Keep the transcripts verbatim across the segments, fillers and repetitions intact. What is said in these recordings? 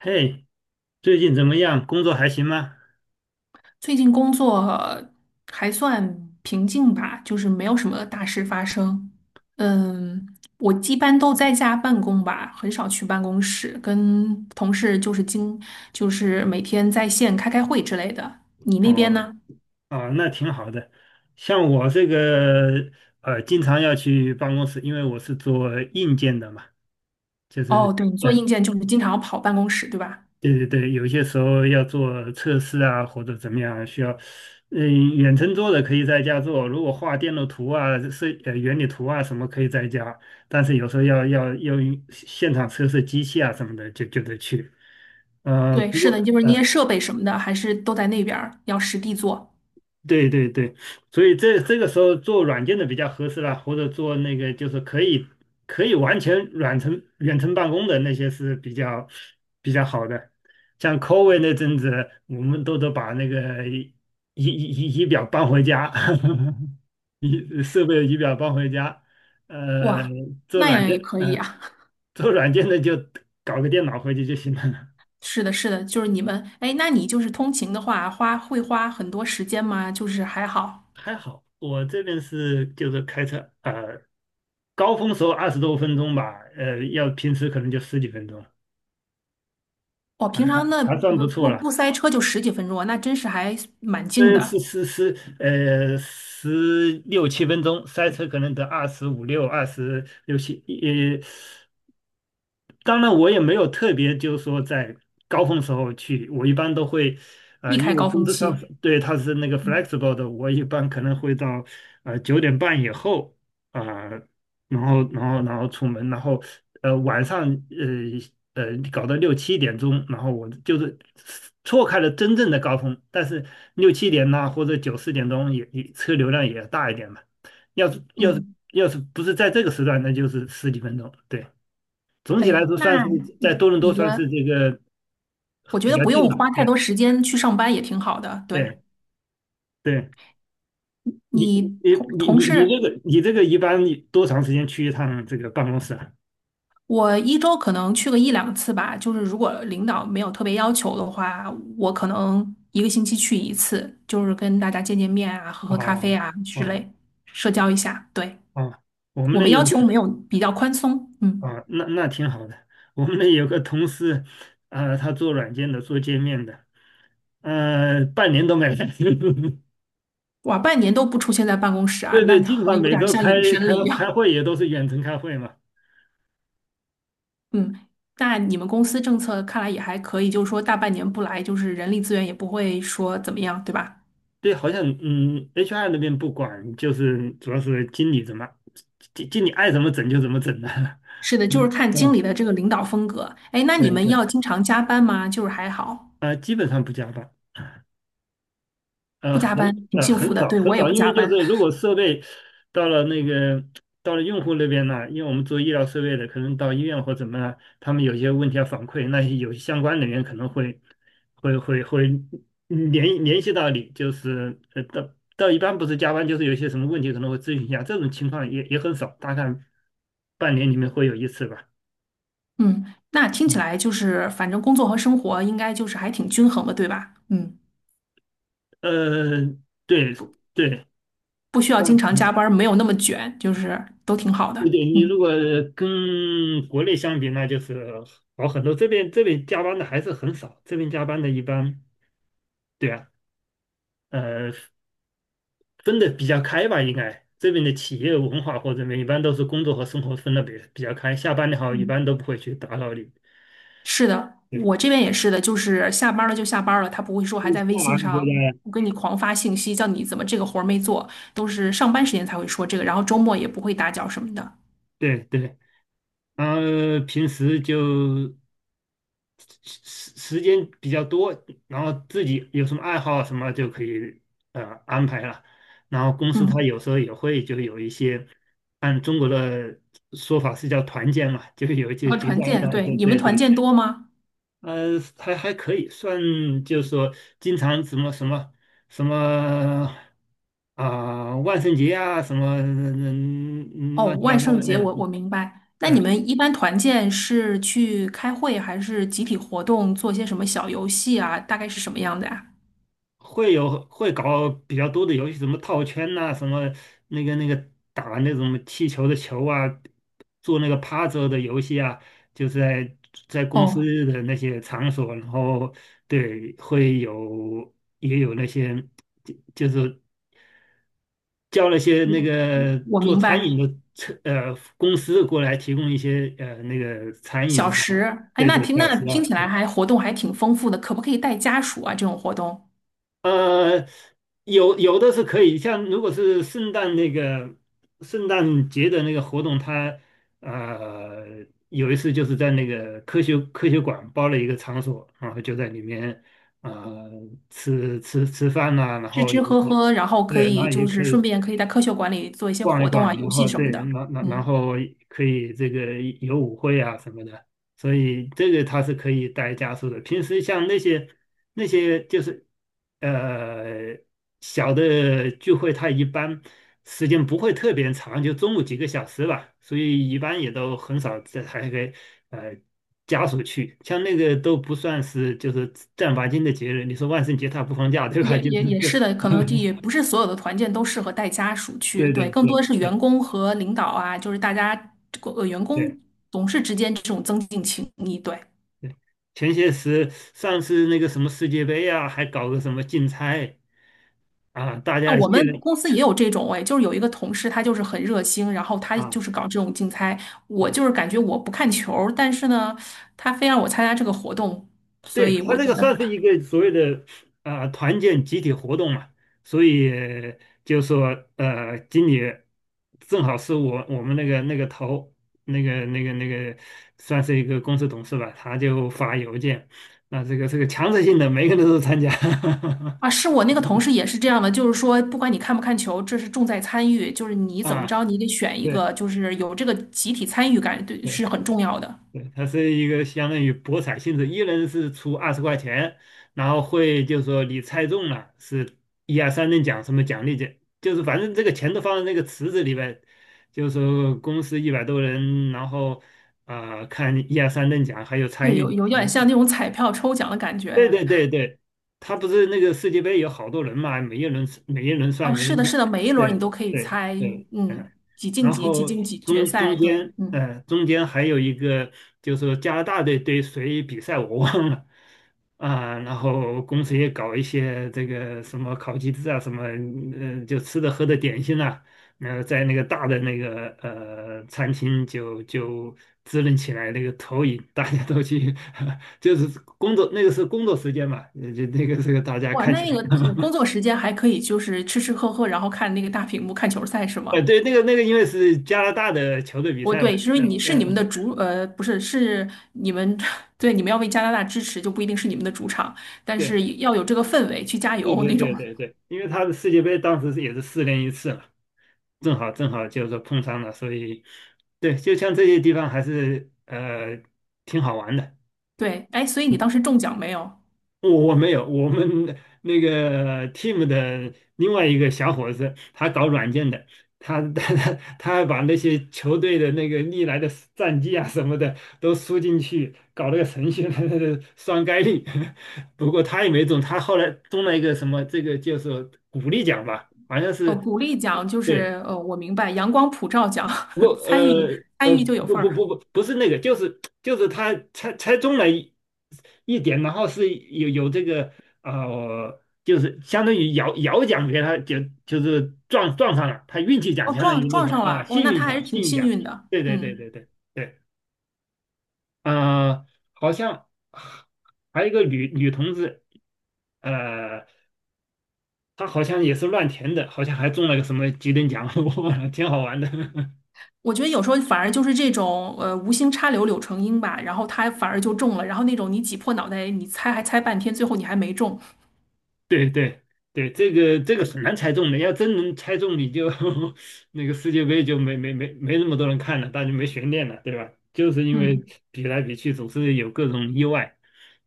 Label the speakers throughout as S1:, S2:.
S1: 嘿，最近怎么样？工作还行吗？
S2: 最近工作还算平静吧，就是没有什么大事发生。嗯，我一般都在家办公吧，很少去办公室，跟同事就是经就是每天在线开开会之类的。你那边
S1: 哦，
S2: 呢？
S1: 啊，那挺好的。像我这个呃，经常要去办公室，因为我是做硬件的嘛，就
S2: 哦，
S1: 是
S2: 对，你做硬
S1: 呃，
S2: 件就是经常要跑办公室，对吧？
S1: 对对对，有些时候要做测试啊，或者怎么样，需要嗯、远程做的可以在家做，如果画电路图啊、设呃原理图啊什么可以在家，但是有时候要要要用现场测试机器啊什么的，就就得去。呃，
S2: 对，
S1: 不
S2: 是
S1: 过。
S2: 的，就是那些
S1: 呃。
S2: 设备什么的，还是都在那边儿，要实地做。
S1: 对对对，所以这这个时候做软件的比较合适啦，或者做那个就是可以可以完全远程远程办公的那些是比较比较好的。像 COVID 那阵子，我们都得把那个仪仪仪仪表搬回家，仪设备仪表搬回家。呃，
S2: 哇，
S1: 做
S2: 那
S1: 软
S2: 样
S1: 件，
S2: 也可以
S1: 嗯、
S2: 啊。
S1: 做软件的就搞个电脑回去就行了。
S2: 是的，是的，就是你们，哎，那你就是通勤的话，花会花很多时间吗？就是还好，
S1: 还好我这边是就是开车，呃，高峰时候二十多分钟吧，呃，要平时可能就十几分钟，
S2: 我平常那
S1: 还算不
S2: 不
S1: 错
S2: 不
S1: 了。
S2: 不塞车就十几分钟啊，那真是还蛮近
S1: 呃，是
S2: 的，
S1: 是是，呃，十六七分钟，塞车可能得二十五六、二十六七，呃，当然，我也没有特别，就是说在高峰时候去，我一般都会，呃，
S2: 避
S1: 因
S2: 开高
S1: 为工
S2: 峰
S1: 资上
S2: 期。
S1: 对它是那个
S2: 嗯
S1: flexible 的，我一般可能会到呃九点半以后啊、呃然后然后然后出门，然后呃晚上呃呃搞到六七点钟，然后我就是错开了真正的高峰，但是六七点呐、或者九四点钟也也车流量也大一点嘛，要是要是
S2: 嗯，
S1: 要是不是在这个时段，那就是十几分钟，对。总体来
S2: 哎，
S1: 说
S2: 那
S1: 算是在多伦多
S2: 你
S1: 算是
S2: 的，
S1: 这个
S2: 我觉
S1: 比
S2: 得
S1: 较
S2: 不
S1: 近
S2: 用
S1: 吧。
S2: 花太多
S1: 对
S2: 时间去上班也挺好的。对，
S1: 对对，你
S2: 你同
S1: 你
S2: 同
S1: 你你你这
S2: 事，
S1: 个你这个一般多长时间去一趟这个办公室啊？
S2: 我一周可能去个一两次吧，就是如果领导没有特别要求的话，我可能一个星期去一次，就是跟大家见见面啊，喝喝咖啡
S1: 哦
S2: 啊之
S1: 哦
S2: 类，社交一下。对，
S1: 哦，我们
S2: 我
S1: 那
S2: 们
S1: 有
S2: 要
S1: 个
S2: 求没有比较宽松，嗯，
S1: 啊，那那挺好的。我们那有个同事，呃，他做软件的，做界面的，呃，半年都没来。
S2: 哇，半年都不出现在办公室啊，
S1: 对
S2: 那
S1: 对，基本
S2: 好
S1: 上
S2: 有
S1: 每
S2: 点
S1: 周
S2: 像
S1: 开
S2: 隐身
S1: 开
S2: 了一样，
S1: 开会也都是远程开会嘛。
S2: 嗯。那你们公司政策看来也还可以，就是说大半年不来，就是人力资源也不会说怎么样，对吧？
S1: 对，好像嗯，H R 那边不管，就是主要是经理怎么，经经理爱怎么整就怎么整的，
S2: 是的，就是
S1: 嗯
S2: 看经理
S1: 嗯，
S2: 的这个领导风格。哎，那
S1: 对
S2: 你们
S1: 对，
S2: 要经常加班吗？就是还好。
S1: 呃，基本上不加班。呃，
S2: 不
S1: 很
S2: 加班，挺
S1: 呃
S2: 幸福
S1: 很
S2: 的。
S1: 少
S2: 对，
S1: 很
S2: 我也
S1: 少，
S2: 不
S1: 因为
S2: 加
S1: 就
S2: 班。
S1: 是如果设备到了那个到了用户那边呢，因为我们做医疗设备的，可能到医院或怎么，他们有些问题要反馈，那些有相关人员可能会会会会联联系到你，就是呃到到一般不是加班，就是有一些什么问题可能会咨询一下，这种情况也也很少，大概半年里面会有一次吧。
S2: 嗯，那听起
S1: 嗯，
S2: 来就是，反正工作和生活应该就是还挺均衡的，对吧？嗯，
S1: 呃，对对。
S2: 不需要经常加 班，没有那么卷，就是都挺好的。
S1: 对对，你
S2: 嗯
S1: 如果跟国内相比，那就是好很多。这边这边加班的还是很少，这边加班的一般，对啊，呃，分的比较开吧，应该这边的企业文化或者什么，一般都是工作和生活分的比比较开。下班的话，一
S2: 嗯，
S1: 般都不会去打扰你。
S2: 是的，
S1: 对，
S2: 我这边也是的，就是下班了就下班了，他不会说还
S1: 你是
S2: 在微
S1: 在
S2: 信
S1: 哪个国家
S2: 上
S1: 呀？
S2: 我跟你狂发信息，叫你怎么这个活儿没做，都是上班时间才会说这个，然后周末也不会打搅什么的。
S1: 对对。然后平时就时时间比较多，然后自己有什么爱好什么就可以呃安排了。然后公司它
S2: 嗯，
S1: 有时候也会就有一些，按中国的说法是叫团建嘛，就有一
S2: 然
S1: 些
S2: 后
S1: 节
S2: 团
S1: 假日
S2: 建，
S1: 啊
S2: 对，
S1: 对
S2: 你们
S1: 对
S2: 团
S1: 对，
S2: 建多吗？
S1: 呃，还还可以算，就是说经常什么什么什么啊、万圣节啊，什么嗯嗯嗯
S2: 哦，
S1: 乱七八
S2: 万
S1: 糟
S2: 圣
S1: 的，
S2: 节
S1: 嗯。
S2: 我我
S1: 嗯。
S2: 明白。那你
S1: 呃
S2: 们一般团建是去开会，还是集体活动，做些什么小游戏啊？大概是什么样的呀？
S1: 会有会搞比较多的游戏，什么套圈呐、什么那个那个打那种气球的球啊，做那个趴着的游戏啊，就是在在公
S2: 哦，
S1: 司的那些场所，然后对会有也有那些就就是叫那些那个
S2: 我
S1: 做
S2: 明
S1: 餐饮
S2: 白。
S1: 的车呃公司过来提供一些呃那个餐饮
S2: 小
S1: 啊，然后
S2: 时，哎，
S1: 对
S2: 那
S1: 对
S2: 听
S1: 小
S2: 那
S1: 吃
S2: 听
S1: 啊，
S2: 起来还活动还挺丰富的，可不可以带家属啊？这种活动
S1: 呃，有有的是可以，像如果是圣诞那个圣诞节的那个活动，它呃有一次就是在那个科学科学馆包了一个场所，然后就在里面呃吃吃吃饭呐、然
S2: 吃
S1: 后
S2: 吃喝喝，然后
S1: 对，
S2: 可
S1: 然后
S2: 以
S1: 也
S2: 就
S1: 可
S2: 是顺
S1: 以
S2: 便可以在科学馆里做一些
S1: 逛
S2: 活
S1: 一
S2: 动啊、
S1: 逛，
S2: 游
S1: 然
S2: 戏
S1: 后
S2: 什
S1: 对，
S2: 么的。
S1: 然然然
S2: 嗯。
S1: 后可以这个有舞会啊什么的，所以这个它是可以带家属的。平时像那些那些就是呃小的聚会，它一般时间不会特别长，就中午几个小时吧，所以一般也都很少这还给呃家属去。像那个都不算是就是正儿八经的节日，你说万圣节它不放假对吧？
S2: 也
S1: 就
S2: 也
S1: 是
S2: 也
S1: 这，
S2: 是的，可能也不是所有的团建都适合带家属 去，
S1: 对
S2: 对，
S1: 对
S2: 更多
S1: 对
S2: 的是员
S1: 对
S2: 工和领导啊，就是大家呃员工
S1: 对。
S2: 同事之间这种增进情谊，对。
S1: 对，前些时上次那个什么世界杯啊，还搞个什么竞猜啊，大
S2: 那
S1: 家
S2: 我
S1: 议
S2: 们
S1: 论
S2: 公司也有这种哎，就是有一个同事，他就是很热心，然后他就
S1: 啊
S2: 是搞这种竞猜。我
S1: 啊，
S2: 就是感觉我不看球儿但是呢，他非让我参加这个活动，所
S1: 对，
S2: 以
S1: 他
S2: 我觉
S1: 这个
S2: 得
S1: 算是一个所谓的啊团建集体活动嘛，所以就说呃，经理正好是我我们那个那个头那个那个那个算是一个公司董事吧，他就发邮件，那这个这个强制性的每个人都参加
S2: 啊，是我那个同事也是这样的，就是说，不管你看不看球，这是重在参与，就是你怎么
S1: 啊，
S2: 着，你得选一
S1: 对。
S2: 个，就是有这个集体参与感，对，
S1: 对
S2: 是很重要的。
S1: 对，它是一个相当于博彩性质，一人是出二十块钱，然后会就是说你猜中了是一二三等奖什么奖励奖，就是反正这个钱都放在那个池子里边，就是说公司一百多人，然后啊、呃看一二三等奖还有参
S2: 对，
S1: 与
S2: 有
S1: 奖，
S2: 有点像那种彩票抽奖的感觉
S1: 对
S2: 呀。
S1: 对对对，他不是那个世界杯有好多人嘛，每一轮每一轮算
S2: 哦，
S1: 每一
S2: 是的，
S1: 轮，
S2: 是的，每一轮你
S1: 对
S2: 都可以
S1: 对
S2: 猜，
S1: 对，嗯，
S2: 嗯，几进
S1: 然
S2: 几，几
S1: 后
S2: 进几决
S1: 中
S2: 赛，
S1: 中
S2: 对，
S1: 间
S2: 嗯，
S1: 呃中间还有一个就是说加拿大队对谁比赛我忘了啊，然后公司也搞一些这个什么烤鸡翅啊什么，呃，就吃的喝的点心啊。那在那个大的那个呃餐厅就就支棱起来那个投影，大家都去，就是工作那个是工作时间嘛，呃就那个是大家
S2: 哇，
S1: 看球，
S2: 那个呃工作时间还可以，就是吃吃喝喝，然后看那个大屏幕看球赛是
S1: 呃
S2: 吗？
S1: 对，那个那个因为是加拿大的球队比
S2: 我
S1: 赛嘛，
S2: 对，是因为你是你们的
S1: 嗯
S2: 主，呃，不是，是你们，对，你们要为加拿大支持，就不一定是你们的主场，但
S1: 对
S2: 是要有这个氛围去加
S1: 对
S2: 油
S1: 对
S2: 那种。
S1: 对对 对，因为他的世界杯当时是也是四年一次嘛，正好正好就是说碰上了，所以对，就像这些地方还是呃挺好玩的。
S2: 对，哎，所以你当时中奖没有？
S1: 我我没有，我们那个 team 的另外一个小伙子，他搞软件的，他他他他还把那些球队的那个历来的战绩啊什么的都输进去，搞了个程序来来来双 概率。不过他也没中，他后来中了一个什么，这个就是鼓励奖吧，好像
S2: 哦，
S1: 是。
S2: 鼓励奖就
S1: 对。
S2: 是，呃，我明白，阳光普照奖，
S1: 不，
S2: 参与
S1: 呃
S2: 参
S1: 呃，
S2: 与就有
S1: 不
S2: 份
S1: 不
S2: 儿。
S1: 不不，不是那个，就是就是他猜猜中了一一点，然后是有有这个呃，就是相当于摇摇奖给他，就就是撞撞上了，他运气奖
S2: 哦，
S1: 相当
S2: 撞
S1: 于那
S2: 撞
S1: 种
S2: 上
S1: 啊
S2: 了，哦，
S1: 幸
S2: 那
S1: 运
S2: 他还
S1: 奖，
S2: 是挺
S1: 幸运
S2: 幸
S1: 奖，
S2: 运的。
S1: 对对对
S2: 嗯，
S1: 对对对，呃，好像还有一个女女同志，呃，她好像也是乱填的，好像还中了个什么几等奖，我忘了，挺好玩的。
S2: 我觉得有时候反而就是这种，呃，无心插柳柳成荫吧，然后他反而就中了，然后那种你挤破脑袋你猜还猜半天，最后你还没中。
S1: 对对对，这个这个很难猜中的，要真能猜中，你就 那个世界杯就没没没没那么多人看了，大家没悬念了，对吧？就是因为
S2: 嗯。
S1: 比来比去总是有各种意外，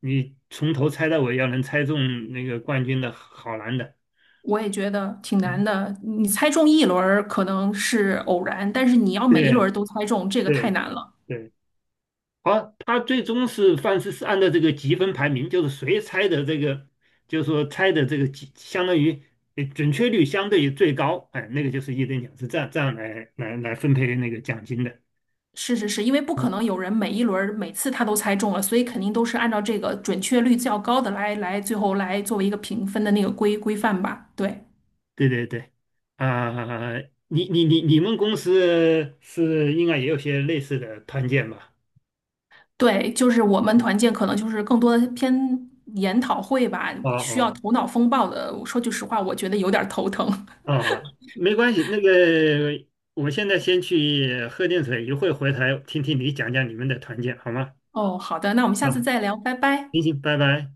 S1: 你从头猜到尾，要能猜中那个冠军的好难的。
S2: 我也觉得挺难
S1: 嗯，
S2: 的。你猜中一轮儿可能是偶然，但是你要每一轮
S1: 对
S2: 儿都猜中，这个太
S1: 对
S2: 难了。
S1: 对。好，他最终是范式是按照这个积分排名，就是谁猜的这个，就是说猜的这个积，相当于呃准确率相对于最高，哎，那个就是一等奖，是这样这样来来来分配那个奖金的。
S2: 是是是，因为不可
S1: 啊，
S2: 能有人每一轮儿每次他都猜中了，所以肯定都是按照这个准确率较高的来来最后来作为一个评分的那个规规范吧。对
S1: 对对对，啊、你你你你们公司是应该也有些类似的团建吧？
S2: 对，就是我们团建可能就是更多的偏研讨会吧，
S1: 哦
S2: 需要
S1: 哦
S2: 头脑风暴的。说句实话，我觉得有点儿头疼。
S1: 哦，没关系，那个我现在先去喝点水，一会儿回来听听你讲讲你们的团建好吗？
S2: 哦，好的，那我们下次
S1: 啊，
S2: 再聊，拜拜。
S1: 行行，拜拜。